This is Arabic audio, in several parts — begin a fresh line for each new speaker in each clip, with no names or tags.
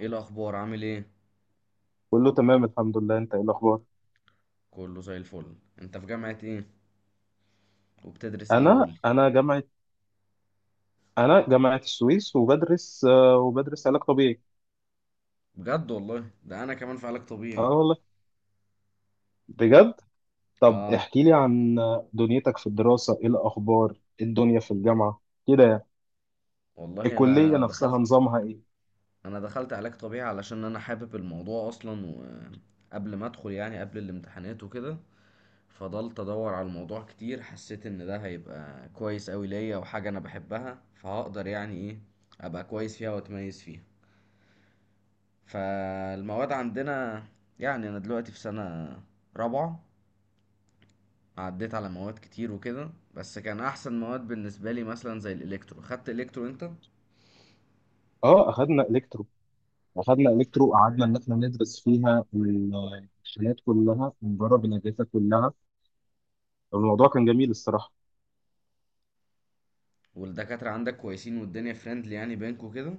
ايه الاخبار؟ عامل ايه؟
كله تمام الحمد لله. انت ايه الاخبار؟
كله زي الفل. انت في جامعة ايه؟ وبتدرس ايه
انا
قولي؟
انا جامعه، انا جامعه السويس وبدرس وبدرس علاج طبيعي.
بجد والله؟ ده انا كمان في علاج
اه
طبيعي.
والله، بجد. طب
اه
احكي لي عن دنيتك في الدراسه، ايه الاخبار؟ ايه الدنيا في الجامعه كده يعني؟
والله.
الكليه
انا
نفسها
دخلت،
نظامها ايه؟
انا دخلت علاج طبيعي علشان انا حابب الموضوع اصلا، وقبل ما ادخل يعني قبل الامتحانات وكده فضلت ادور على الموضوع كتير. حسيت ان ده هيبقى كويس قوي ليا وحاجة انا بحبها، فهقدر يعني ايه ابقى كويس فيها واتميز فيها. فالمواد عندنا، يعني انا دلوقتي في سنة رابعة، عديت على مواد كتير وكده، بس كان احسن مواد بالنسبه لي مثلا زي الالكترو. خدت الكترو انت؟
اه اخدنا الكترو. اخدنا الكترو وقعدنا ان احنا ندرس فيها الحاجات كلها ونجرب الاجهزه كلها. الموضوع كان جميل الصراحه.
والدكاتره عندك كويسين والدنيا فريندلي يعني بينكوا كده؟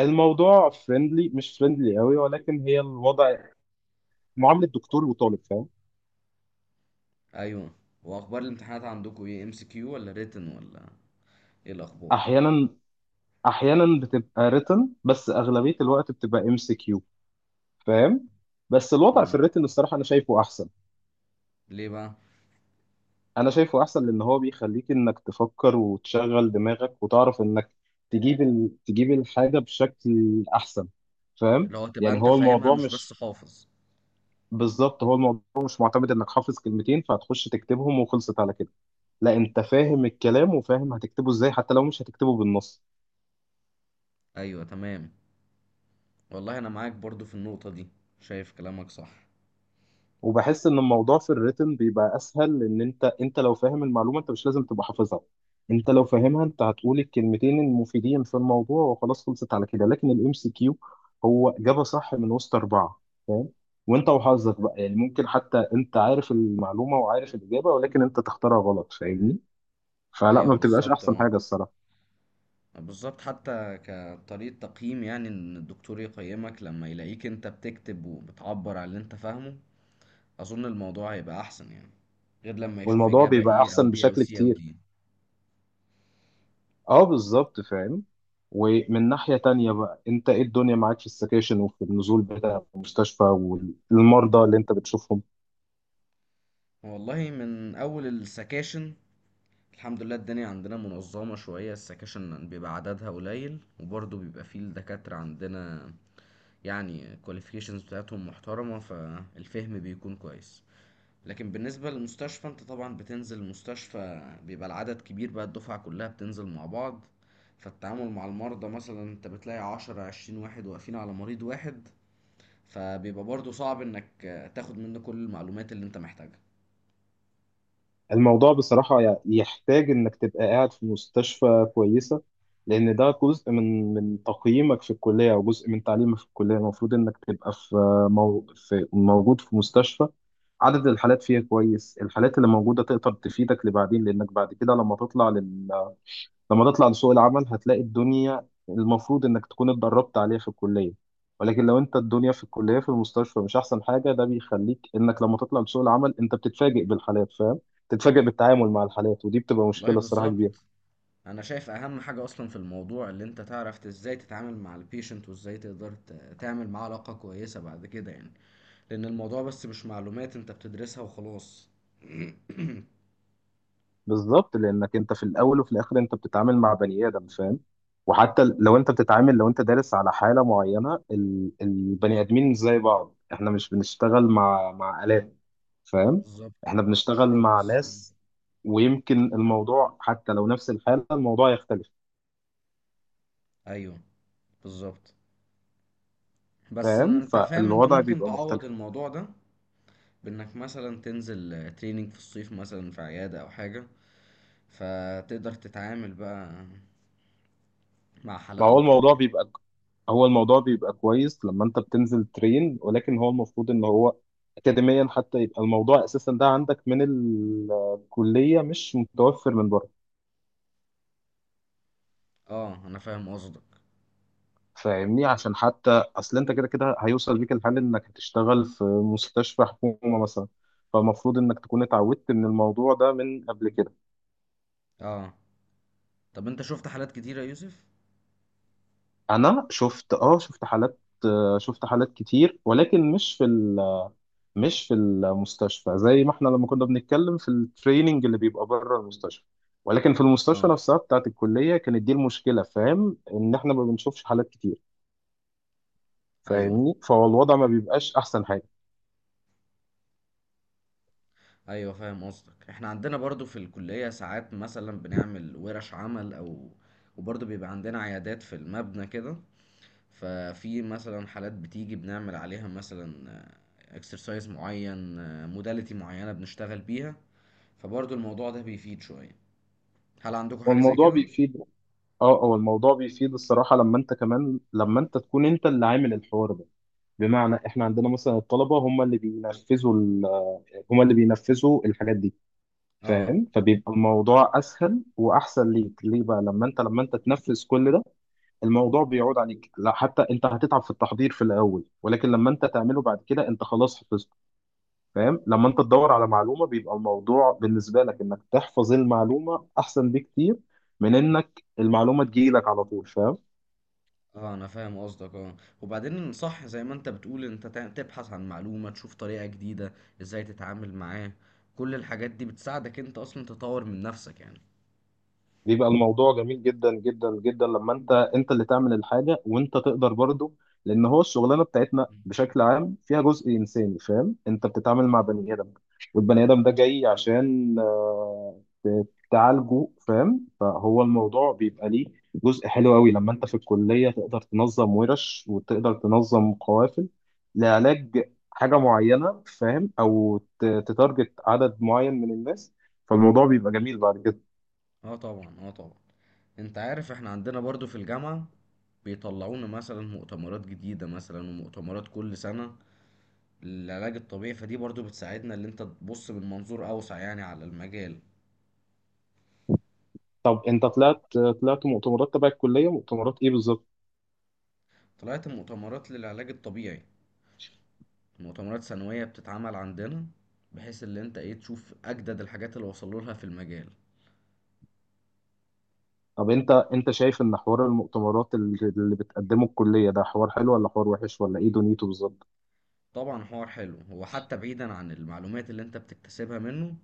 الموضوع فريندلي، مش فريندلي قوي، ولكن هي الوضع معامله دكتور وطالب. فاهم؟
ايوه. واخبار الامتحانات عندكوا ايه؟ ام سي كيو ولا ريتن ولا ايه الاخبار؟
احيانا، احيانا بتبقى written، بس اغلبيه الوقت بتبقى ام سي كيو. فاهم؟ بس الوضع في
مم.
الريتن الصراحه انا شايفه احسن.
ليه بقى؟
انا شايفه احسن لان هو بيخليك انك تفكر وتشغل دماغك وتعرف انك تجيب تجيب الحاجه بشكل احسن. فاهم
اللي هو تبقى
يعني؟
انت
هو
فاهمها
الموضوع
مش بس
مش،
حافظ.
بالظبط، هو الموضوع مش معتمد انك حافظ كلمتين فهتخش تكتبهم وخلصت على كده. لا، انت فاهم الكلام وفاهم هتكتبه ازاي حتى لو مش هتكتبه بالنص.
ايوه تمام. والله انا معاك برضو في النقطه دي، شايف كلامك صح.
وبحس ان الموضوع في الريتم بيبقى اسهل لان انت لو فاهم المعلومه انت مش لازم تبقى حافظها. انت لو فاهمها انت هتقول الكلمتين المفيدين في الموضوع وخلاص خلصت على كده، لكن الام سي كيو هو اجابه صح من وسط اربعه. فاهم؟ وانت وحظك بقى يعني، ممكن حتى انت عارف المعلومه وعارف الاجابه ولكن انت تختارها غلط. فاهمني؟ فلا، ما
ايوه
بتبقاش
بالظبط.
احسن
اه
حاجه الصراحه.
بالظبط، حتى كطريقه تقييم، يعني ان الدكتور يقيمك لما يلاقيك انت بتكتب وبتعبر عن اللي انت فاهمه، أظن الموضوع هيبقى أحسن يعني، غير لما يشوف
والموضوع
إجابة
بيبقى
A أو
احسن
B أو
بشكل
C أو
كتير.
D.
اه بالظبط، فاهم. ومن ناحية تانية بقى، انت ايه الدنيا معاك في السكاشن وفي النزول بتاع المستشفى والمرضى اللي انت بتشوفهم؟
والله من أول السكاشن الحمد لله الدنيا عندنا منظمة شوية. السكاشن بيبقى عددها قليل، وبرضه بيبقى فيه الدكاترة عندنا يعني qualifications بتاعتهم محترمة، فالفهم بيكون كويس. لكن بالنسبة للمستشفى، انت طبعا بتنزل المستشفى بيبقى العدد كبير بقى، الدفعة كلها بتنزل مع بعض. فالتعامل مع المرضى مثلا انت بتلاقي عشرة عشرين واحد واقفين على مريض واحد، فبيبقى برضو صعب انك تاخد منه كل المعلومات اللي انت محتاجها.
الموضوع بصراحة يحتاج انك تبقى قاعد في مستشفى كويسة، لان ده جزء من تقييمك في الكلية او جزء من تعليمك في الكلية. المفروض انك تبقى في، في، موجود في مستشفى عدد الحالات فيها كويس. الحالات اللي موجودة تقدر تفيدك لبعدين، لانك بعد كده لما تطلع لما تطلع لسوق العمل هتلاقي الدنيا المفروض انك تكون اتدربت عليها في الكلية. ولكن لو انت الدنيا في الكلية في المستشفى مش احسن حاجة، ده بيخليك انك لما تطلع لسوق العمل انت بتتفاجئ بالحالات. فاهم؟ بتتفاجئ بالتعامل مع الحالات، ودي بتبقى
والله
مشكلة الصراحة كبيرة.
بالظبط. انا شايف اهم حاجة اصلا في الموضوع اللي انت تعرف ازاي تتعامل مع البيشنت، وازاي تقدر تعمل معاه علاقة كويسة بعد كده يعني. لان الموضوع بس مش معلومات انت بتدرسها وخلاص.
بالظبط، لانك انت في الاول وفي الاخر انت بتتعامل مع بني ادم. فاهم؟ وحتى لو انت بتتعامل، لو انت دارس على حالة معينة، البني ادمين مش زي بعض، احنا مش بنشتغل مع آلات. فاهم؟
بالظبط.
احنا
مش
بنشتغل مع
روبوتس.
ناس. ويمكن الموضوع حتى لو نفس الحالة، الموضوع يختلف.
ايوه بالظبط. بس إن
فاهم؟
انت فاهم، انت
فالوضع
ممكن
بيبقى
تعوض
مختلف.
الموضوع ده بانك مثلا تنزل تريننج في الصيف مثلا في عيادة او حاجة، فتقدر تتعامل بقى مع
ما
حالات
هو
اكتر
الموضوع
يعني.
بيبقى، هو الموضوع بيبقى كويس لما انت بتنزل ترين، ولكن هو المفروض ان هو اكاديميا حتى يبقى الموضوع اساسا ده عندك من الكلية، مش متوفر من بره.
اه انا فاهم قصدك.
فاهمني؟ عشان حتى اصل انت كده كده هيوصل بيك الحال انك هتشتغل في مستشفى حكومة مثلا، فالمفروض انك تكون اتعودت من الموضوع ده من قبل كده.
اه طب انت شفت حالات كتيرة يا يوسف؟
انا شفت، اه شفت حالات، شفت حالات كتير ولكن مش في مش في المستشفى. زي ما احنا لما كنا بنتكلم في التريننج اللي بيبقى بره المستشفى، ولكن في المستشفى
اه.
نفسها بتاعت الكلية كانت دي المشكلة. فاهم؟ ان احنا ما بنشوفش حالات كتير.
ايوه.
فاهمني؟ فهو الوضع ما بيبقاش احسن حاجة.
ايوه فاهم قصدك. احنا عندنا برضو في الكلية ساعات مثلا بنعمل ورش عمل او، وبرضو بيبقى عندنا عيادات في المبنى كده، ففي مثلا حالات بتيجي بنعمل عليها مثلا اكسرسايز معين، موداليتي معينة بنشتغل بيها، فبرضو الموضوع ده بيفيد شوية. هل عندكم حاجة زي
والموضوع
كده؟
بيفيد. اه، هو الموضوع بيفيد الصراحة، لما انت كمان لما انت تكون انت اللي عامل الحوار ده. بمعنى، احنا عندنا مثلا الطلبة هم اللي بينفذوا هم اللي بينفذوا الحاجات دي.
اه.
فاهم؟ فبيبقى الموضوع اسهل واحسن ليك. ليه بقى؟ لما انت، لما انت تنفذ كل ده الموضوع بيعود عليك. لا حتى انت هتتعب في التحضير في الاول، ولكن لما انت تعمله بعد كده انت خلاص حفظته. فاهم؟ لما انت تدور على معلومه بيبقى الموضوع بالنسبه لك انك تحفظ المعلومه احسن بكتير من انك المعلومه تجيلك على طول. فاهم؟
اه انا فاهم قصدك. اه وبعدين صح زي ما انت بتقول انت تبحث عن معلومة، تشوف طريقة جديدة ازاي تتعامل معاه، كل الحاجات دي بتساعدك انت اصلا تطور من نفسك يعني.
بيبقى الموضوع جميل جدا جدا جدا لما انت اللي تعمل الحاجه وانت تقدر برضه، لان هو الشغلانه بتاعتنا
مم.
بشكل عام فيها جزء انساني. فاهم؟ انت بتتعامل مع بني ادم، والبني ادم ده جاي عشان تعالجه. فاهم؟ فهو الموضوع بيبقى ليه جزء حلو قوي لما انت في الكليه تقدر تنظم ورش وتقدر تنظم قوافل لعلاج حاجه معينه. فاهم؟ او تتارجت عدد معين من الناس. فالموضوع بيبقى جميل بعد كده.
اه طبعا. اه طبعا. انت عارف احنا عندنا برضو في الجامعة بيطلعونا مثلا مؤتمرات جديدة مثلا، ومؤتمرات كل سنة للعلاج الطبيعي، فدي برضو بتساعدنا اللي انت تبص من منظور اوسع يعني على المجال.
طب انت طلعت، طلعت مؤتمرات تبع الكليه، مؤتمرات ايه بالظبط؟
طلعت مؤتمرات للعلاج الطبيعي، مؤتمرات سنوية بتتعمل عندنا، بحيث اللي انت ايه تشوف اجدد الحاجات اللي وصلوا لها في المجال.
طب انت شايف ان حوار المؤتمرات اللي بتقدمه الكليه ده حوار حلو ولا حوار وحش ولا ايه دنيته بالظبط؟
طبعا حوار حلو، هو حتى بعيدا عن المعلومات اللي انت بتكتسبها منه،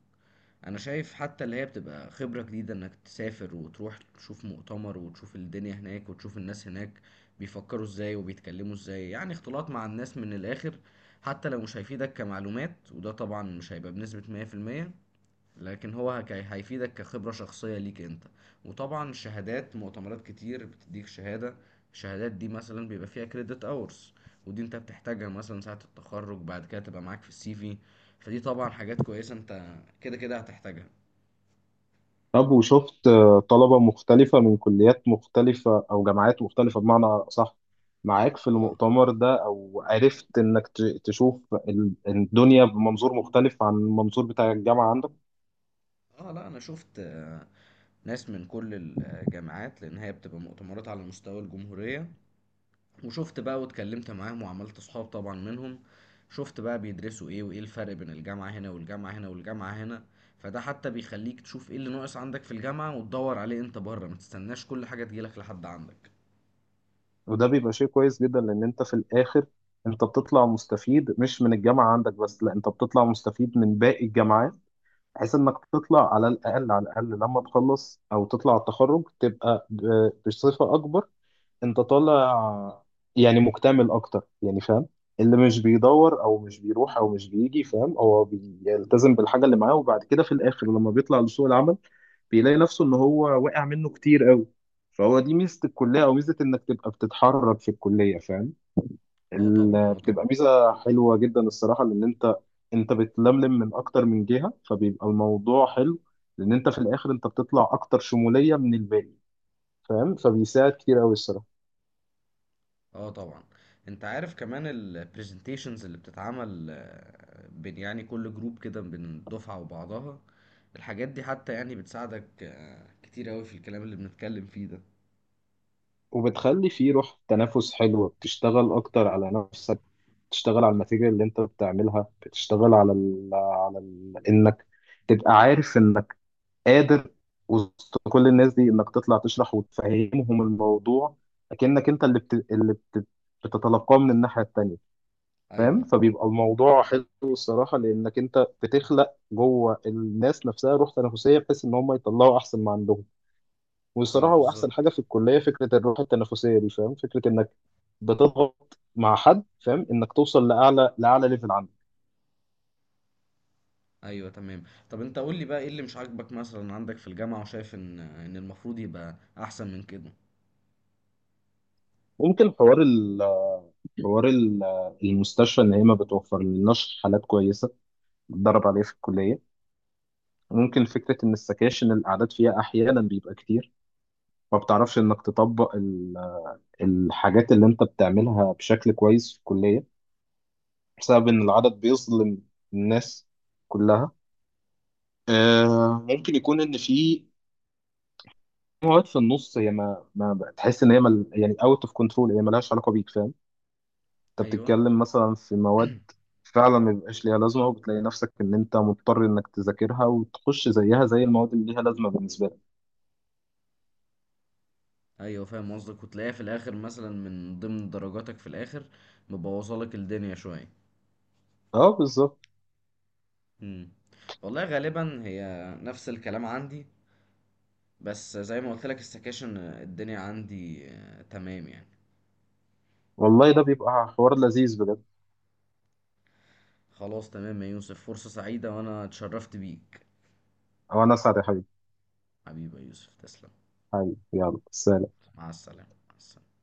انا شايف حتى اللي هي بتبقى خبرة جديدة انك تسافر وتروح تشوف مؤتمر وتشوف الدنيا هناك وتشوف الناس هناك بيفكروا ازاي وبيتكلموا ازاي، يعني اختلاط مع الناس من الاخر. حتى لو مش هيفيدك كمعلومات، وده طبعا مش هيبقى بنسبة 100%، لكن هو هيفيدك كخبرة شخصية ليك انت. وطبعا شهادات مؤتمرات كتير بتديك شهادة، الشهادات دي مثلا بيبقى فيها كريدت اورز، ودي انت بتحتاجها مثلا ساعة التخرج، بعد كده تبقى معاك في السي في، فدي طبعا حاجات كويسة انت كده كده هتحتاجها.
طب وشفت طلبه مختلفه من كليات مختلفه او جامعات مختلفه بمعنى صح معاك في
ف...
المؤتمر ده؟ او عرفت انك تشوف الدنيا بمنظور مختلف عن المنظور بتاع الجامعه عندك؟
اه لا انا شفت ناس من كل الجامعات، لان هي بتبقى مؤتمرات على مستوى الجمهورية. وشفت بقى واتكلمت معاهم وعملت صحاب طبعا منهم، شفت بقى بيدرسوا ايه وايه الفرق بين الجامعة هنا والجامعة هنا والجامعة هنا، فده حتى بيخليك تشوف ايه اللي ناقص عندك في الجامعة وتدور عليه انت بره، ما تستناش كل حاجة تجيلك لحد عندك.
وده بيبقى شيء كويس جدا، لان انت في الاخر انت بتطلع مستفيد مش من الجامعه عندك بس، لا انت بتطلع مستفيد من باقي الجامعات. بحيث انك تطلع، على الاقل على الاقل لما تخلص او تطلع على التخرج، تبقى بصفه اكبر انت طالع، يعني مكتمل اكتر يعني. فاهم؟ اللي مش بيدور او مش بيروح او مش بيجي، فاهم، هو بيلتزم بالحاجه اللي معاه، وبعد كده في الاخر لما بيطلع لسوق العمل بيلاقي نفسه ان هو واقع منه كتير قوي. فهو دي ميزه الكليه او ميزه انك تبقى بتتحرك في الكليه. فاهم؟
اه طبعا. اه
بتبقى
طبعا.
ميزه حلوه جدا الصراحه، لان انت، انت بتلملم من اكتر من جهه، فبيبقى الموضوع حلو. لان انت في الاخر انت بتطلع اكتر شموليه من الباقي. فاهم؟ فبيساعد كتير قوي الصراحه.
اه طبعا. انت عارف كمان البرزنتيشنز اللي بتتعمل بين يعني كل جروب كده بين الدفعة وبعضها، الحاجات دي حتى يعني بتساعدك كتير اوي في الكلام اللي بنتكلم فيه ده.
وبتخلي فيه روح تنافس حلوه، بتشتغل اكتر على نفسك، بتشتغل على الماتيريال اللي انت بتعملها، بتشتغل على ال انك تبقى عارف انك قادر وسط كل الناس دي انك تطلع تشرح وتفهمهم الموضوع. اكنك انت بتتلقاه من الناحية التانية.
ايوه.
فاهم؟ فبيبقى الموضوع حلو الصراحة، لانك انت بتخلق جوه الناس نفسها روح تنافسية بحيث ان هم يطلعوا احسن ما عندهم.
اه
والصراحة هو احسن حاجة
بالظبط.
في الكلية فكرة الروح التنافسية دي. فاهم؟ فكرة انك بتضغط مع حد، فاهم، انك توصل لاعلى، لاعلى ليفل عنده.
ايوه تمام. طب انت قول لي بقى ايه اللي مش عاجبك مثلا عندك في الجامعه، وشايف ان المفروض يبقى احسن من كده؟
ممكن حوار المستشفى ان هي ما بتوفر لناش حالات كويسة بتدرب عليه في الكلية. ممكن فكرة إن السكاشن الأعداد فيها أحيانا بيبقى كتير، ما بتعرفش إنك تطبق الحاجات اللي أنت بتعملها بشكل كويس في الكلية بسبب إن العدد بيظلم الناس كلها. ممكن يكون إن في مواد في النص هي ما بتحس إن هي مل يعني أوت أوف كنترول، هي ملهاش علاقة بيك. فاهم؟ أنت
ايوه.
بتتكلم مثلا في مواد فعلا ما بيبقاش ليها لازمة، وبتلاقي نفسك إن أنت مضطر إنك تذاكرها وتخش زيها زي المواد اللي ليها لازمة بالنسبة لك.
ايوه فاهم قصدك، وتلاقيها في الاخر مثلا من ضمن درجاتك في الاخر، مبوظه لك الدنيا شويه.
أه بالظبط.
امم والله غالبا هي نفس الكلام عندي، بس زي ما قلت لك السكاشن الدنيا عندي تمام يعني.
والله ده بيبقى حوار لذيذ بجد.
خلاص تمام يا يوسف، فرصه سعيده وانا اتشرفت بيك.
او انا اسعد يا حبيبي.
حبيبي يا يوسف تسلم.
حبيبي يلا سلام.
مع السلامه، مع السلامة.